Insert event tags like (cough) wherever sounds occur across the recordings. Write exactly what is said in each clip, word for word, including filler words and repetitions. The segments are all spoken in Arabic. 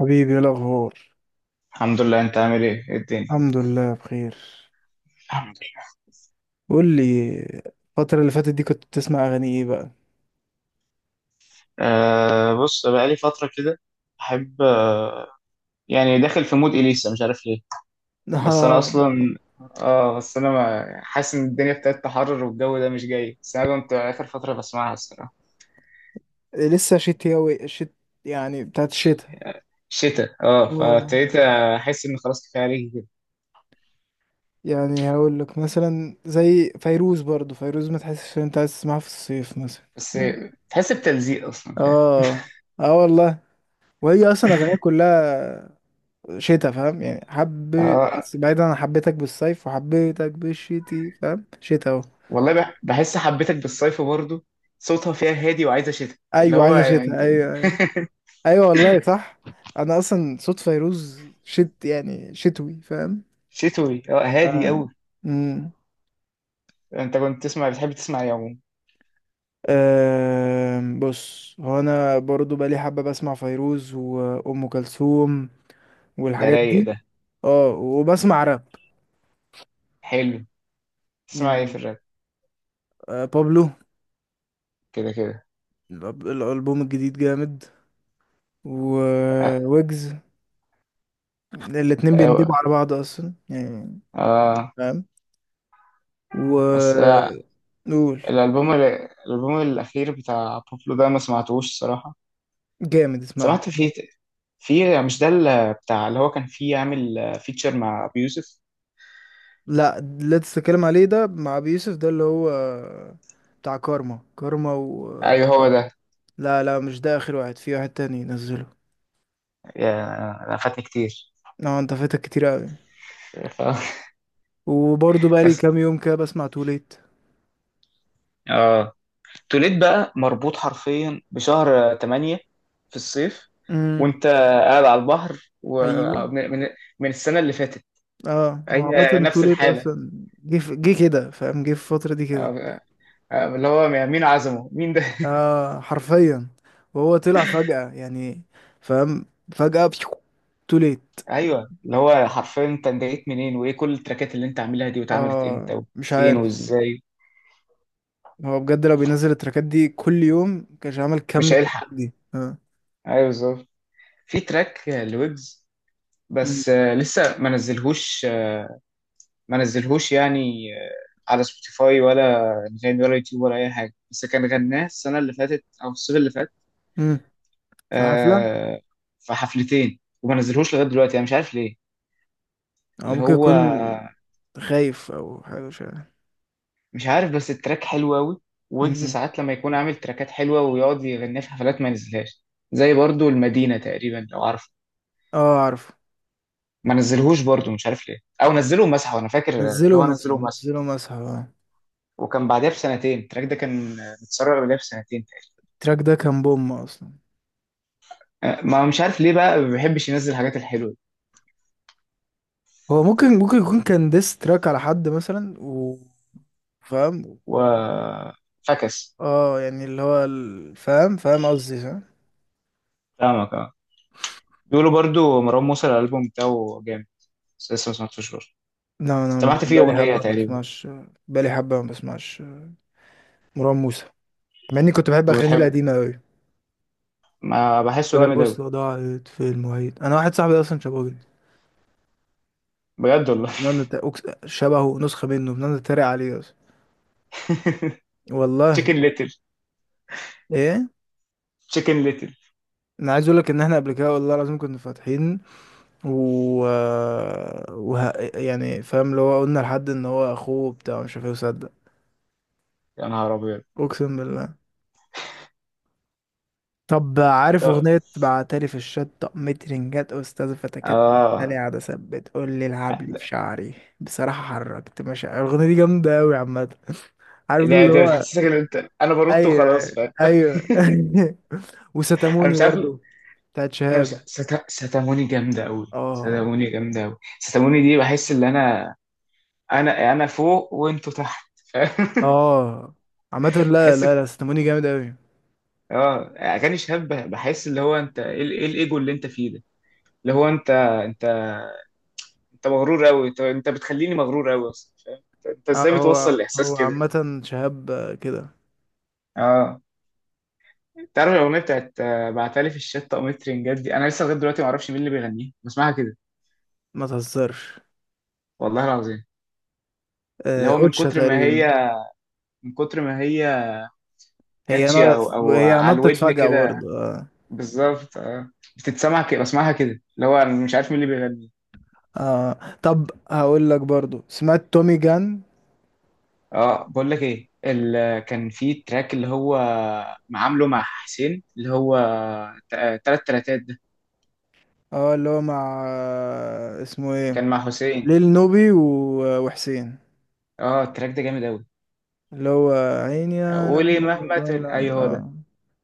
حبيبي، ايه الاخبار؟ الحمد لله، انت عامل ايه؟ ايه الدنيا؟ الحمد لله بخير. الحمد لله. قول لي، الفترة اللي فاتت دي كنت بتسمع اغاني ايه بقى؟ آه، بص بقالي فترة كده. احب، آه يعني داخل في مود اليسا، مش عارف ليه. (laughs) بس انا آه. اصلا، اه بس انا ما حاسس ان الدنيا ابتدت تحرر والجو ده مش جاي، بس انا كنت اخر فترة بسمعها الصراحة. لسه شتوي، شت يعني بتاعت الشتاء. شتاء، اه، آه، فابتديت احس ان خلاص كفاية عليك كده. يعني هقول لك مثلا زي فيروز، برضو فيروز ما تحسش ان انت عايز تسمعها في الصيف مثلا. بس تحس بتلزيق اصلا، فاهم؟ اه، اه والله. وهي اصلا اغانيها كلها شتاء، فاهم؟ يعني حب. اه بس بعيدا عن حبيتك بالصيف وحبيتك بالشتي، فاهم؟ شتاء اهو. والله، بح- بحس حبيتك بالصيف برضو. صوتها فيها هادي وعايزة شتاء، اللي ايوه، هو عايزه يعني شتاء، انت- ايوه، ايوه. ايوه والله صح. انا اصلا صوت فيروز شت يعني شتوي، فاهم؟ شتوي، اه، هادي اه. قوي. امم انت كنت تسمع، بتحب تسمع ايه عموما؟ أم، بص، هو انا برضو بقالي حبه بسمع فيروز وام كلثوم ده والحاجات رايق دي. ده. اه، وبسمع راب. حلو. تسمع ايه في يعني الراب؟ آه، بابلو. كده كده. الأب- الالبوم الجديد جامد، اه وويجز. الاتنين اه. بيندبوا على بعض اصلا يعني، آه، فاهم. و بس، آه، قول. الالبوم الالبوم الاخير بتاع بوبلو ده، ما سمعتوش الصراحه. جامد، اسمعه. سمعت فيه. في، مش ده اللي بتاع، اللي هو كان فيه عامل فيتشر مع ابو يوسف؟ لا، اللي أنت بتتكلم عليه ده مع أبي يوسف ده اللي هو بتاع كارما كارما و ايوه هو ده. لا لا، مش ده، آخر واحد في واحد تاني نزله. يا، انا فاتني كتير. اه، انت فاتك كتير أوي. ف- (laughs) وبرضه بقالي بس كام يوم كده بسمع توليت. اه، توليد بقى مربوط حرفيا بشهر تمانية في الصيف امم وانت قاعد على البحر، ايوه. ومن من من السنه اللي فاتت. اه، هو هي عامة نفس توليت الحالة. اصلا جه في- جه كده، فاهم؟ جه في الفترة دي كده. آه، آه، اللي هو مين عزمه مين ده؟ (laughs) اه حرفيا، وهو طلع فجأة يعني، فاهم. فجأة توليت. ايوه، اللي هو حرفيا انت بدأت منين؟ وايه كل التراكات اللي انت عاملها دي؟ واتعملت امتى اه مش وفين عارف. وازاي؟ هو بجد لو بينزل التراكات دي كل يوم، كانش عمل كم مش هيلحق. التراكات دي؟ اه. ايوه بالظبط. في تراك آه، لويجز، مم. بس آه، لسه ما نزلهوش، آه، ما نزلهوش يعني، آه، على سبوتيفاي ولا انغامي ولا يوتيوب ولا اي حاجه، بس كان غناه السنه اللي فاتت او الصيف اللي فات. مم. في حفلة. آه، في حفلتين وما نزلهوش لغايه دلوقتي، انا مش عارف ليه. او اللي ممكن هو، يكون خايف او حاجة، مش عارف. مش عارف، بس التراك حلو قوي. ويجز مم. ساعات لما يكون عامل تراكات حلوه ويقعد يغنيها في حفلات ما ينزلهاش. زي برضو المدينه تقريبا، لو عارف. اه عارف. ما نزلهوش برضو، مش عارف ليه، او نزله ومسحه. انا فاكر نزله اللي هو نزله مسحه، ومسحه. نزله مسحه، اه. وكان بعدها بسنتين التراك ده كان متسرع، بعدها بسنتين التراك ده كان بوم اصلا. تقريبا. أه، ما مش عارف ليه بقى ما بيحبش ينزل الحاجات الحلوه، هو ممكن ممكن يكون كان ديس تراك على حد مثلا و فاهم. و فكس. اه يعني اللي هو ال- فاهم، فاهم قصدي، فاهم. فاهمك اه. بيقولوا برضو مروان موسى الالبوم بتاعه جامد، بس لسه ما سمعتوش برضه. لا، انا سمعت فيه بقالي اغنيه حبه ما تقريبا. بسمعش، بقالي حبه ما بسمعش. مروان موسى، مع اني كنت بحب اغانيه وبتحب. القديمه أوي، ما بحسه اللي هو جامد قوي. البوصلة ضاعت في المعيد. أنا واحد صاحبي أصلا شبهه جدا، بجد والله. بنقعد نت- أكس- شبهه نسخة منه، بنقعد نتريق عليه أصلا، (laughs) والله. تشيكن ليتل. إيه؟ تشيكن ليتل. أنا عايز أقول لك إن إحنا قبل كده والله العظيم كنا فاتحين و... وه... يعني، فاهم، اللي هو قلنا لحد إن هو أخوه بتاع مش عارف إيه، وصدق. يا نهار ابيض. أقسم بالله. طب عارف طب أغنية بعتلي في الشطة مترنجات أستاذ فتكات متلي اه. عادة ثبت قول لي العب لي في ده، شعري؟ بصراحة حركت مشاعر، الأغنية دي جامدة أوي عامة. (laughs) عارف ده اللي هو. بتحسسك ان انت انا بنط وخلاص، ايوه، فاهم؟ (laughs) ايوه. (laughs) انا وستاموني مش عارف. برضو، بتاعت انا مش شهاب. ستا... ستاموني جامده قوي. اه. ستاموني جامده قوي. ستاموني دي بحس ان انا انا انا فوق وانتوا تحت، فاهم؟ اه عامة، (laughs) لا تحس ب... لا لا، ستاموني جامد اوي. اه، اغاني شاب بحس اللي هو، انت ايه، ال- إيه الايجو اللي انت فيه ده، اللي هو انت انت انت مغرور قوي، انت انت بتخليني مغرور قوي اصلا، فاهم؟ انت إنت اه، ازاي هو بتوصل الاحساس هو كده؟ عامة شهاب آه، كده. اه، تعرف الاغنيه بتاعت آه، بعتلي في الشتا قميص ترنجات دي؟ انا لسه لغايه دلوقتي ما اعرفش مين اللي بيغنيها، بسمعها كده، ما تهزرش. والله العظيم. اللي آه، هو من اوتشا كتر ما هي تقريبا. من كتر ما هي هي كاتشي، او نطت، او هي على نطت الودن فجأة كده. برضو، اه. بالظبط اه. بتتسمع كده، بسمعها كده، اللي هو انا مش عارف مين اللي بيغني. اه. طب هقول لك برضو، سمعت تومي جان. اه، بقول لك ايه، ال... كان في تراك اللي هو عامله مع حسين، اللي هو ت- تلات تلاتات ده. اه، اللي هو مع آه، اسمه ايه. كان مع حسين. ليل نوبي و- وحسين، اه، التراك ده جامد قوي. اللي هو عيني أنا قولي عليك مهما تقول، ولا ايوه هو ده. آه،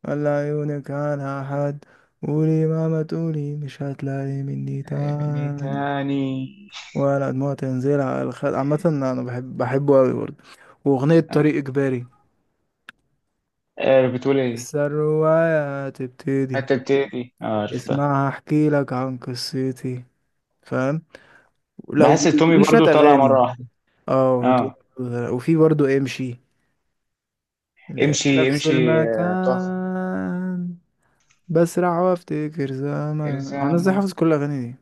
ولا عيونك عنها حد، قولي مهما تقولي مش هتلاقي مني من تاني، تاني. ولا دموع تنزل على الخد. عامة أنا بحب، بحبه أوي برضه. وأغنية طريق إجباري، آه، بتقول ايه؟ لسه الرواية هتبتدي، حتى بتدي اه عرفتها. اسمعها أحكي لك عن قصتي، فاهم. لا بحس التومي وليه شوية برضو طالع مرة أغاني. واحدة. اه. اه، وفي برضه امشي، لا، امشي نفس امشي، آه، تقف. المكان، بسرع وافتكر زمان. هو انا ازاي الزام. حافظ كل الاغاني دي؟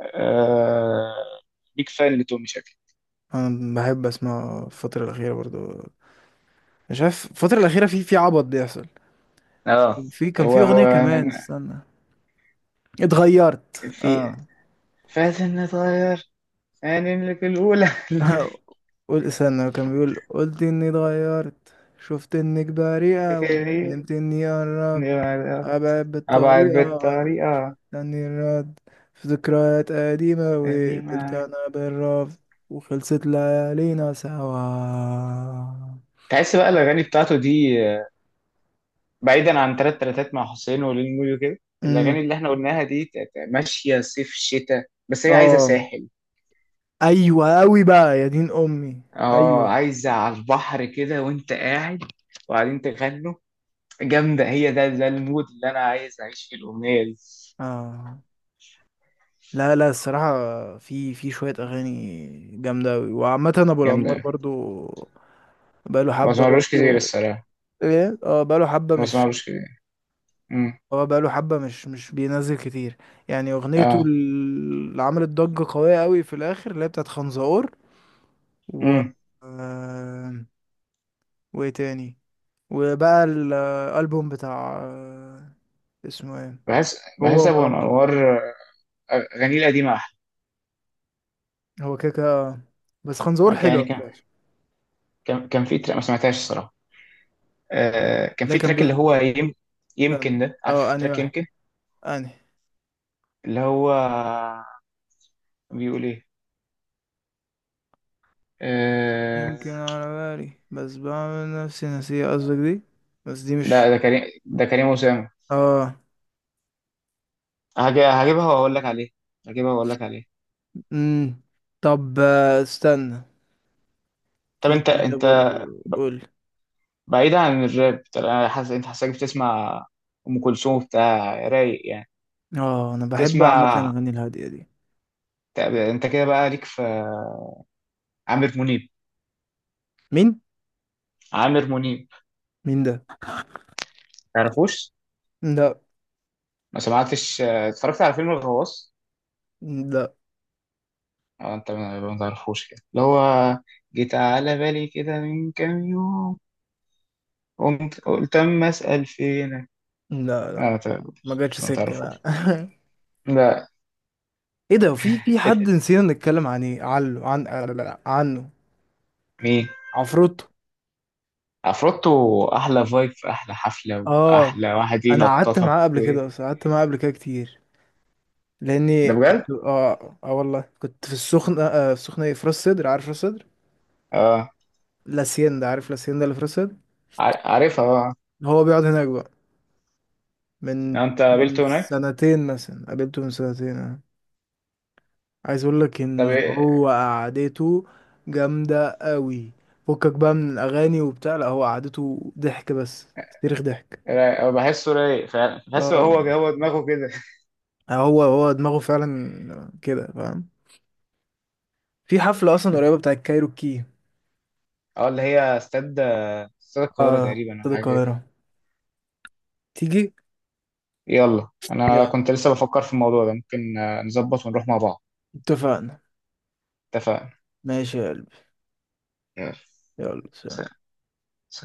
آه، بيك فان لتومي شكلي. انا بحب اسمع الفتره الاخيره برضو. مش عارف الفتره الاخيره، في في عبط بيحصل. اه، في كان هو في هو اغنيه كمان، أنا- استنى. اتغيرت في اه. فاتن نتغير، يعني اللي في الأولى. (laughs) قول، استنى، كان بيقول: قلت اني اتغيرت، شفت انك (laughs) بريئه أوي، كده دي. ندمت اني قربت، مع- ابعد أبعد بالطريقه غلط، بالطريقة. تاني الرد، في ذكريات قديمة، دي وقبلت معاك. أنا بالرفض، وخلصت ليالينا سوا. تحس بقى الأغاني بتاعته دي آه، بعيدا عن تلات تلاتات مع حسين ولين مويو كده، الأغاني امم اللي احنا قلناها دي ت- ت- ماشية صيف شتاء، بس هي عايزة اه. ساحل. ايوه قوي بقى يا دين امي. اه، ايوه. عايزة على البحر كده وانت قاعد وبعدين تغنوا. جامدة هي. ده، ده المود اللي انا عايز اعيش فيه الاغنية دي. اه، لا لا الصراحه، في في شويه اغاني جامده قوي. وعامه ابو جامدة الانوار أوي. برضو بقاله ما حبه سمعلوش كتير برضو. الصراحة. ايه، اه، بقاله حبه ما مش، سمعلوش كتير. امم. اه بقاله حبه مش مش بينزل كتير. يعني اغنيته اه، ال- اللي عملت ضجه قويه قوي في الاخر، اللي هي بتاعت خنزقور و امم. آه، وايه تاني. وبقى الالبوم بتاع آه، اسمه ايه، بحس هو بحس ابو ومروان انوار، بابلو. آه، اغانيه القديمة احلى. هو كده كده- بس خنزور آه، كان- حلوة يعني كان بتاعش. كان كان في تراك ما سمعتهاش الصراحة. آه كان لا في كان تراك اللي بيقول هو يم... يمكن استنى، ده، اه، عارف اني تراك واحد، يمكن، اني اللي هو بيقول ايه؟ آه... يمكن على بالي، بس بعمل نفسي نسيه قصدك دي. بس دي لا، مش، ده كريم، ده كريم أسامة. اه. هج- هجيبها واقول لك عليه. هجيبها واقول لك عليه. امم. طب آه، استنى، طب في انت اغنية انت برضو، ب- قول. بعيدا عن الراب، طب انا حاسس انت، حاسسك بتسمع ام كلثوم بتاع رايق يعني. اه، انا بحب عامة تسمع. الاغاني الهادية دي. طب انت كده بقى ليك في عامر منيب؟ مين؟ عامر منيب. مين ده؟ تعرفوش؟ لا. ما سمعتش اه، اتفرجت على فيلم الغواص. لا. اه انت ما ما تعرفوش كده، اللي هو جيت على بالي كده من كام يوم، قمت قلت اما اسال فينك. لا. اه، لا، ما ما تعرفوش، جاتش ما سكة، لا. تعرفوش. (laughs) لا. ايه ده؟ في في حد نسينا نتكلم عن ايه؟ عنه. عن عنه مين؟ عفروتو. عفروتو. احلى فايب في احلى حفله اه واحلى واحد انا قعدت ينططك معاه قبل و... كده، اصلا قعدت معاه قبل كده كتير، ده لاني بجد كنت اه اه والله كنت في السخنه، آه في السخنه، ايه، في راس سدر، عارف راس سدر؟ اه. لاسيان ده، عارف لاسيان ده اللي في راس سدر؟ ع- عارفها اه. هو بيقعد هناك بقى من لو انت من قابلته هناك. سنتين مثلا، قابلته من سنتين آه. عايز اقول لك طب ان ايه. هو قعدته جامده قوي، فكك بقى من الاغاني وبتاع، لا هو قعدته ضحك بس، تاريخ ضحك. رايق. أه، بحسه رايق فعلا، بحسه هو اه، هو دماغه كده. هو هو دماغه فعلا كده، فاهم. في حفله اصلا قريبه بتاعت كايروكي. (laughs) اه، اللي هي استاد، استاد القاهره اه، تقريبا او استاد حاجه كده. القاهرة، تيجي؟ يلا، انا يلا. كنت لسه بفكر في الموضوع ده، ممكن آه، نظبط ونروح مع بعض. اتفقنا. اتفقنا. ماشي يا قلبي. يلا. يلا، سلام. سلام.